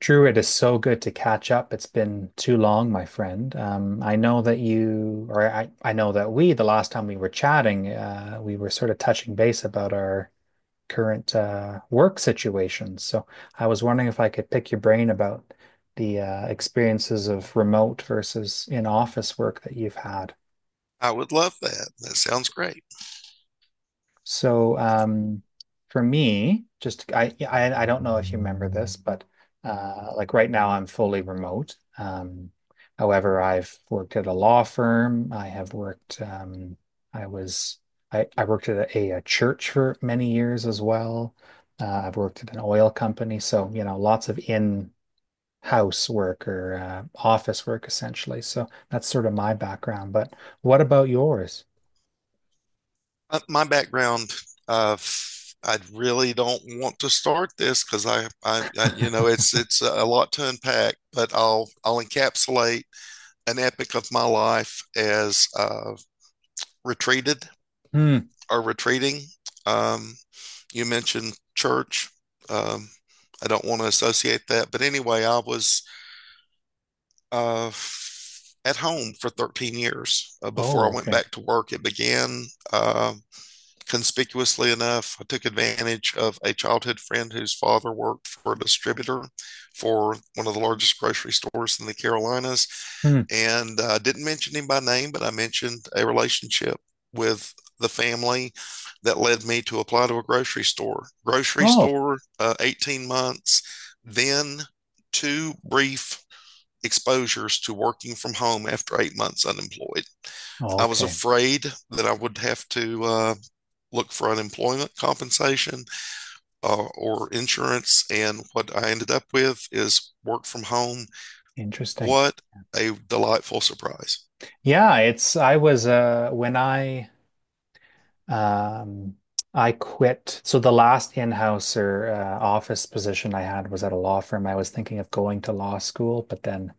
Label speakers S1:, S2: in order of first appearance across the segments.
S1: Drew, it is so good to catch up. It's been too long, my friend. I know that you, or I know that we, the last time we were chatting, we were sort of touching base about our current work situations. So I was wondering if I could pick your brain about the experiences of remote versus in-office work that you've had.
S2: I would love that. That sounds great.
S1: So, for me, yeah, I don't know if you remember this, but like right now I'm fully remote. However, I've worked at a law firm. I have worked. I was I worked at a church for many years as well. I've worked at an oil company, so lots of in-house work or office work essentially. So that's sort of my background. But what about yours?
S2: My background, I really don't want to start this because I, you know, it's a lot to unpack, but I'll encapsulate an epic of my life as retreated
S1: Hmm.
S2: or retreating. Um, you mentioned church. Um, I don't want to associate that, but anyway, I was at home for 13 years before
S1: Oh,
S2: I went
S1: okay.
S2: back to work. It began. Uh, Conspicuously enough, I took advantage of a childhood friend whose father worked for a distributor for one of the largest grocery stores in the Carolinas.
S1: Hmm.
S2: And I didn't mention him by name, but I mentioned a relationship with the family that led me to apply to a grocery store. Grocery
S1: Oh,
S2: store, 18 months, then two brief exposures to working from home after 8 months unemployed. I was
S1: okay.
S2: afraid that I would have to look for unemployment compensation or insurance. And what I ended up with is work from home.
S1: Interesting.
S2: What a delightful surprise.
S1: Yeah, it's I was when um I quit. So the last in-houser office position I had was at a law firm. I was thinking of going to law school, but then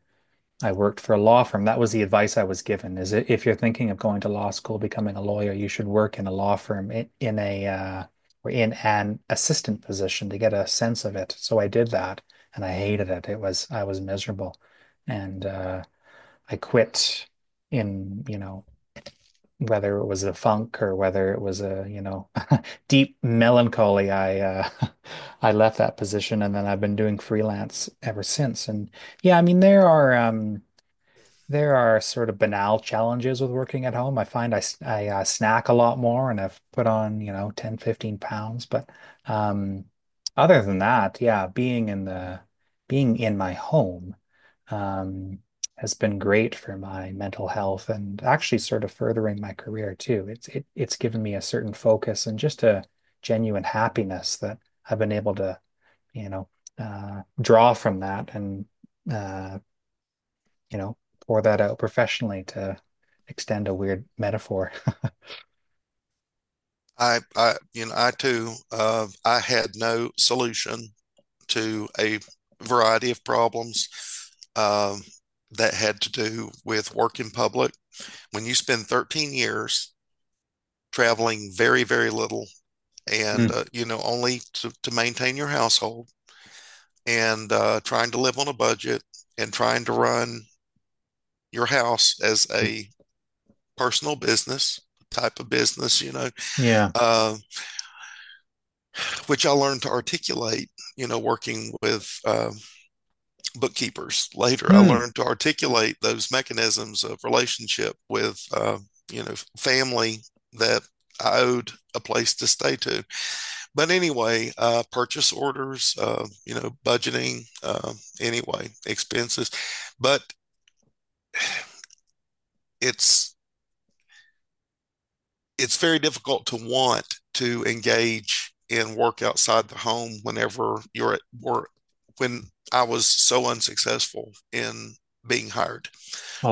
S1: I worked for a law firm. That was the advice I was given. Is it If you're thinking of going to law school, becoming a lawyer, you should work in a law firm, in a or in an assistant position to get a sense of it. So I did that and I hated it. It was I was miserable. And I quit in, you know, whether it was a funk or whether it was a, deep melancholy. I I left that position, and then I've been doing freelance ever since. And yeah, I mean, there are sort of banal challenges with working at home. I find I snack a lot more and I've put on, 10, 15 pounds. But um, other than that, yeah, being in my home um, has been great for my mental health, and actually sort of furthering my career too. It's given me a certain focus and just a genuine happiness that I've been able to, you know, draw from that and, uh, you know, pour that out professionally to extend a weird metaphor.
S2: You know, I too, I had no solution to a variety of problems um, that had to do with work in public. When you spend 13 years traveling very, very little and
S1: Mm,
S2: you know only to maintain your household and trying to live on a budget and trying to run your house as a personal business type of business, you know,
S1: yeah.
S2: uh, which I learned to articulate, you know, working with bookkeepers. Later I
S1: Hmm.
S2: learned to articulate those mechanisms of relationship with you know, family that I owed a place to stay to. But anyway, purchase orders, you know, budgeting, expenses. But it's it's very difficult to want to engage in work outside the home whenever you're at work. When I was so unsuccessful in being hired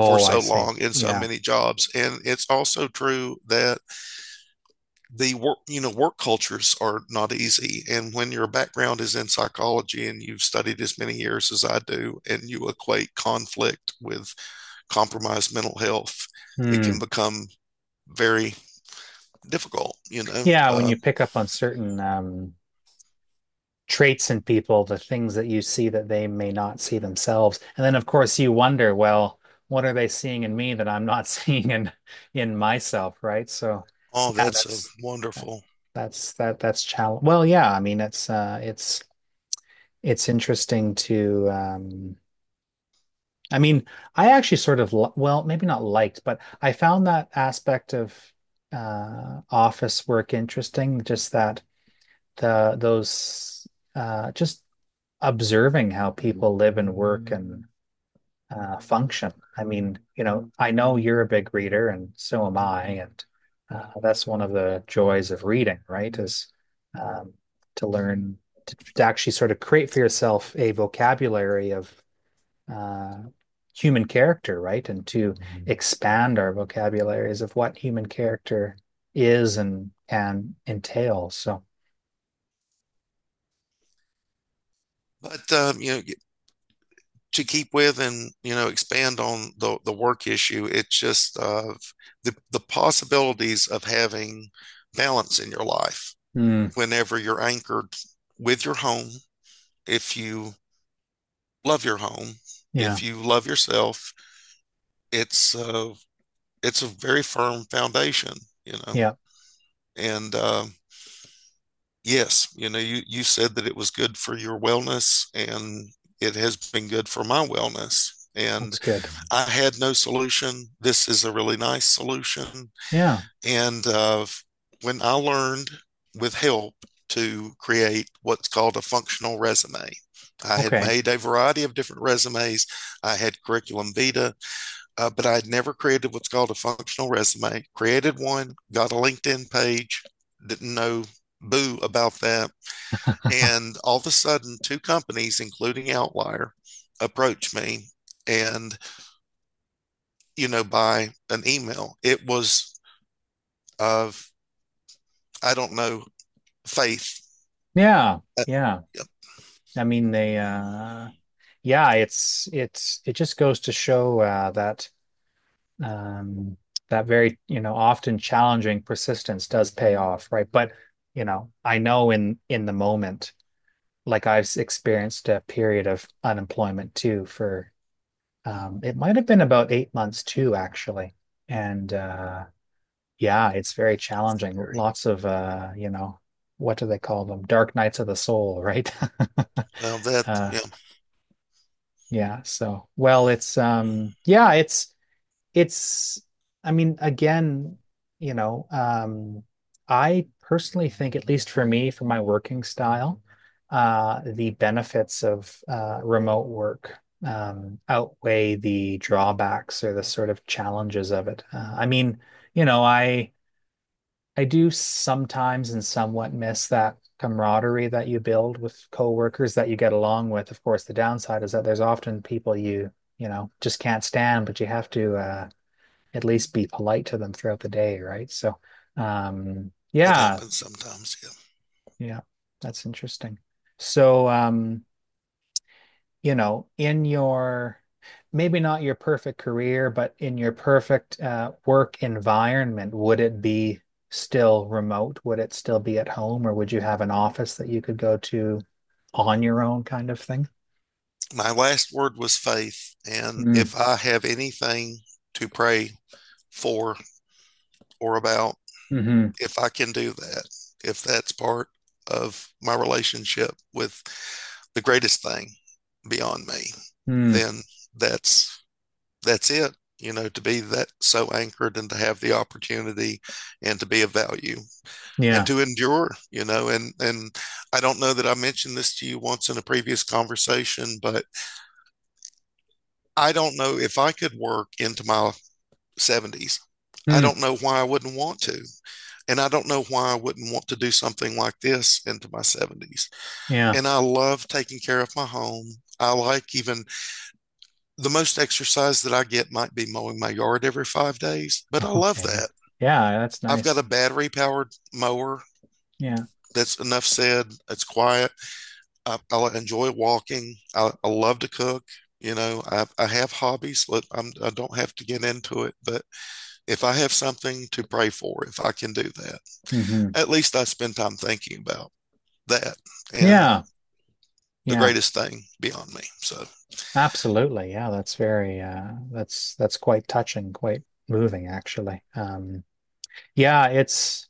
S2: for
S1: I
S2: so
S1: see.
S2: long in so
S1: Yeah.
S2: many jobs, and it's also true that the work, you know, work cultures are not easy. And when your background is in psychology and you've studied as many years as I do, and you equate conflict with compromised mental health, it
S1: Hmm.
S2: can become very difficult, you know
S1: Yeah, when
S2: uh,
S1: you pick up on certain traits in people, the things that you see that they may not see themselves. And then, of course, you wonder, well, what are they seeing in me that I'm not seeing in myself, right? So,
S2: Oh,
S1: yeah,
S2: that's a
S1: that,
S2: wonderful.
S1: that's challenge. Well, yeah, I mean, it's interesting to. I mean, I actually sort of well, maybe not liked, but I found that aspect of office work interesting. Just that the those just observing how people live and work and function. I mean, I know you're a big reader, and so am I, and that's one of the joys of reading, right? Is um, to learn to actually sort of create for yourself a vocabulary of uh, human character, right? And to expand our vocabularies of what human character is and can entail. So,
S2: But you know, to keep with and, you know, expand on the work issue, it's just the possibilities of having balance in your life
S1: mm,
S2: whenever you're anchored with your home, if you love your home,
S1: yeah,
S2: if you love yourself, it's uh, it's a very firm foundation, you know.
S1: yeah,
S2: And yes, you know, you said that it was good for your wellness, and it has been good for my wellness. And
S1: that's good.
S2: I had no solution. This is a really nice solution.
S1: Yeah,
S2: And when I learned with help to create what's called a functional resume, I had
S1: okay.
S2: made a variety of different resumes. I had curriculum vitae, but I had never created what's called a functional resume. Created one, got a LinkedIn page, didn't know boo about that. And all of a sudden, two companies, including Outlier, approached me and, you know, by an email. It was of, I don't know, faith.
S1: Yeah,
S2: That.
S1: yeah.
S2: Yep.
S1: I mean, they yeah, it's it just goes to show um that very, often challenging, persistence does pay off, right? But, I know in the moment, like I've experienced a period of unemployment too for it might have been about 8 months too, actually. And yeah, it's very challenging.
S2: Gary.
S1: Lots of, what do they call them? Dark nights of the soul, right?
S2: Well, that,
S1: Uh,
S2: yeah,
S1: Yeah. So, well, it's yeah, it's I mean, again, you know, um I personally think, at least for me, for my working style, the benefits of remote work outweigh the drawbacks or the sort of challenges of it. I mean, you know, I I do sometimes and somewhat miss that camaraderie that you build with coworkers that you get along with. Of course, the downside is that there's often people you, just can't stand, but you have to at least be polite to them throughout the day, right? So,
S2: that
S1: yeah,
S2: happens sometimes. Yeah.
S1: yeah, that's interesting. So, in your, maybe not your perfect career, but in your perfect work environment, would it be still remote? Would it still be at home, or would you have an office that you could go to on your own kind of thing?
S2: My last word was faith. And
S1: Mm,
S2: if I have anything to pray for or about,
S1: mm-hmm,
S2: if I can do that, if that's part of my relationship with the greatest thing beyond me,
S1: mm,
S2: then that's that's it. You know, to be that so anchored and to have the opportunity and to be of value and
S1: yeah,
S2: to endure, you know. And I don't know that I mentioned this to you once in a previous conversation, but I don't know if I could work into my 70s. I
S1: mm,
S2: don't know why I wouldn't want to, and I don't know why I wouldn't want to do something like this into my 70s.
S1: yeah.
S2: And I love taking care of my home. I like, even the most exercise that I get might be mowing my yard every 5 days, but I love
S1: Okay, yeah,
S2: that.
S1: yeah. That's
S2: I've got
S1: nice.
S2: a battery powered mower,
S1: Yeah,
S2: that's enough said. It's quiet. I enjoy walking. I love to cook. You know, I have hobbies. I don't have to get into it, but if I have something to pray for, if I can do that,
S1: mm-hmm,
S2: at least I spend time thinking about that and
S1: yeah,
S2: the
S1: yeah.
S2: greatest thing beyond me. So,
S1: Absolutely. Yeah, that's very that's quite touching, quite moving actually. Yeah,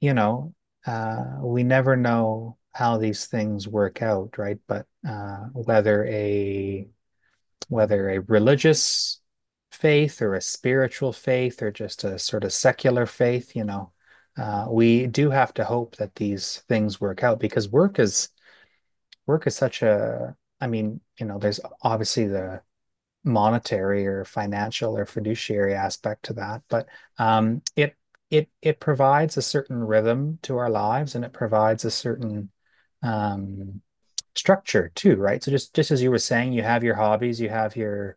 S1: you know, we never know how these things work out, right? But whether a religious faith or a spiritual faith or just a sort of secular faith, we do have to hope that these things work out, because work is such a, I mean, there's obviously the monetary or financial or fiduciary aspect to that, but um, it it provides a certain rhythm to our lives, and it provides a certain um, structure too, right? So just as you were saying, you have your hobbies, you have your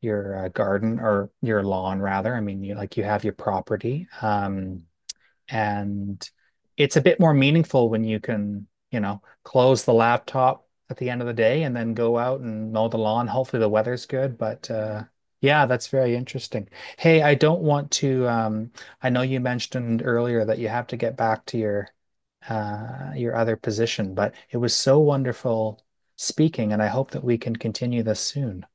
S1: garden, or your lawn rather. I mean, you like you have your property. And it's a bit more meaningful when you can, close the laptop at the end of the day and then go out and mow the lawn. Hopefully the weather's good, but yeah, that's very interesting. Hey, I don't want to. I know you mentioned earlier that you have to get back to your other position, but it was so wonderful speaking, and I hope that we can continue this soon.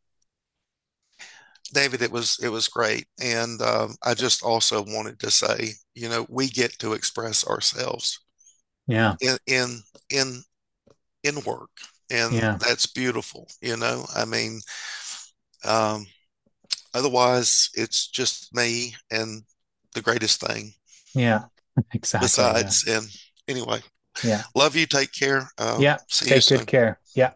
S2: David, it was great, and I just also wanted to say, you know, we get to express ourselves
S1: Yeah.
S2: in in in in work, and
S1: Yeah.
S2: that's beautiful. You know, I mean, um, otherwise, it's just me and the greatest thing
S1: Yeah. Exactly. Yeah.
S2: besides. And anyway,
S1: Yeah.
S2: love you. Take care.
S1: Yeah.
S2: See you
S1: Take good
S2: soon.
S1: care. Yeah.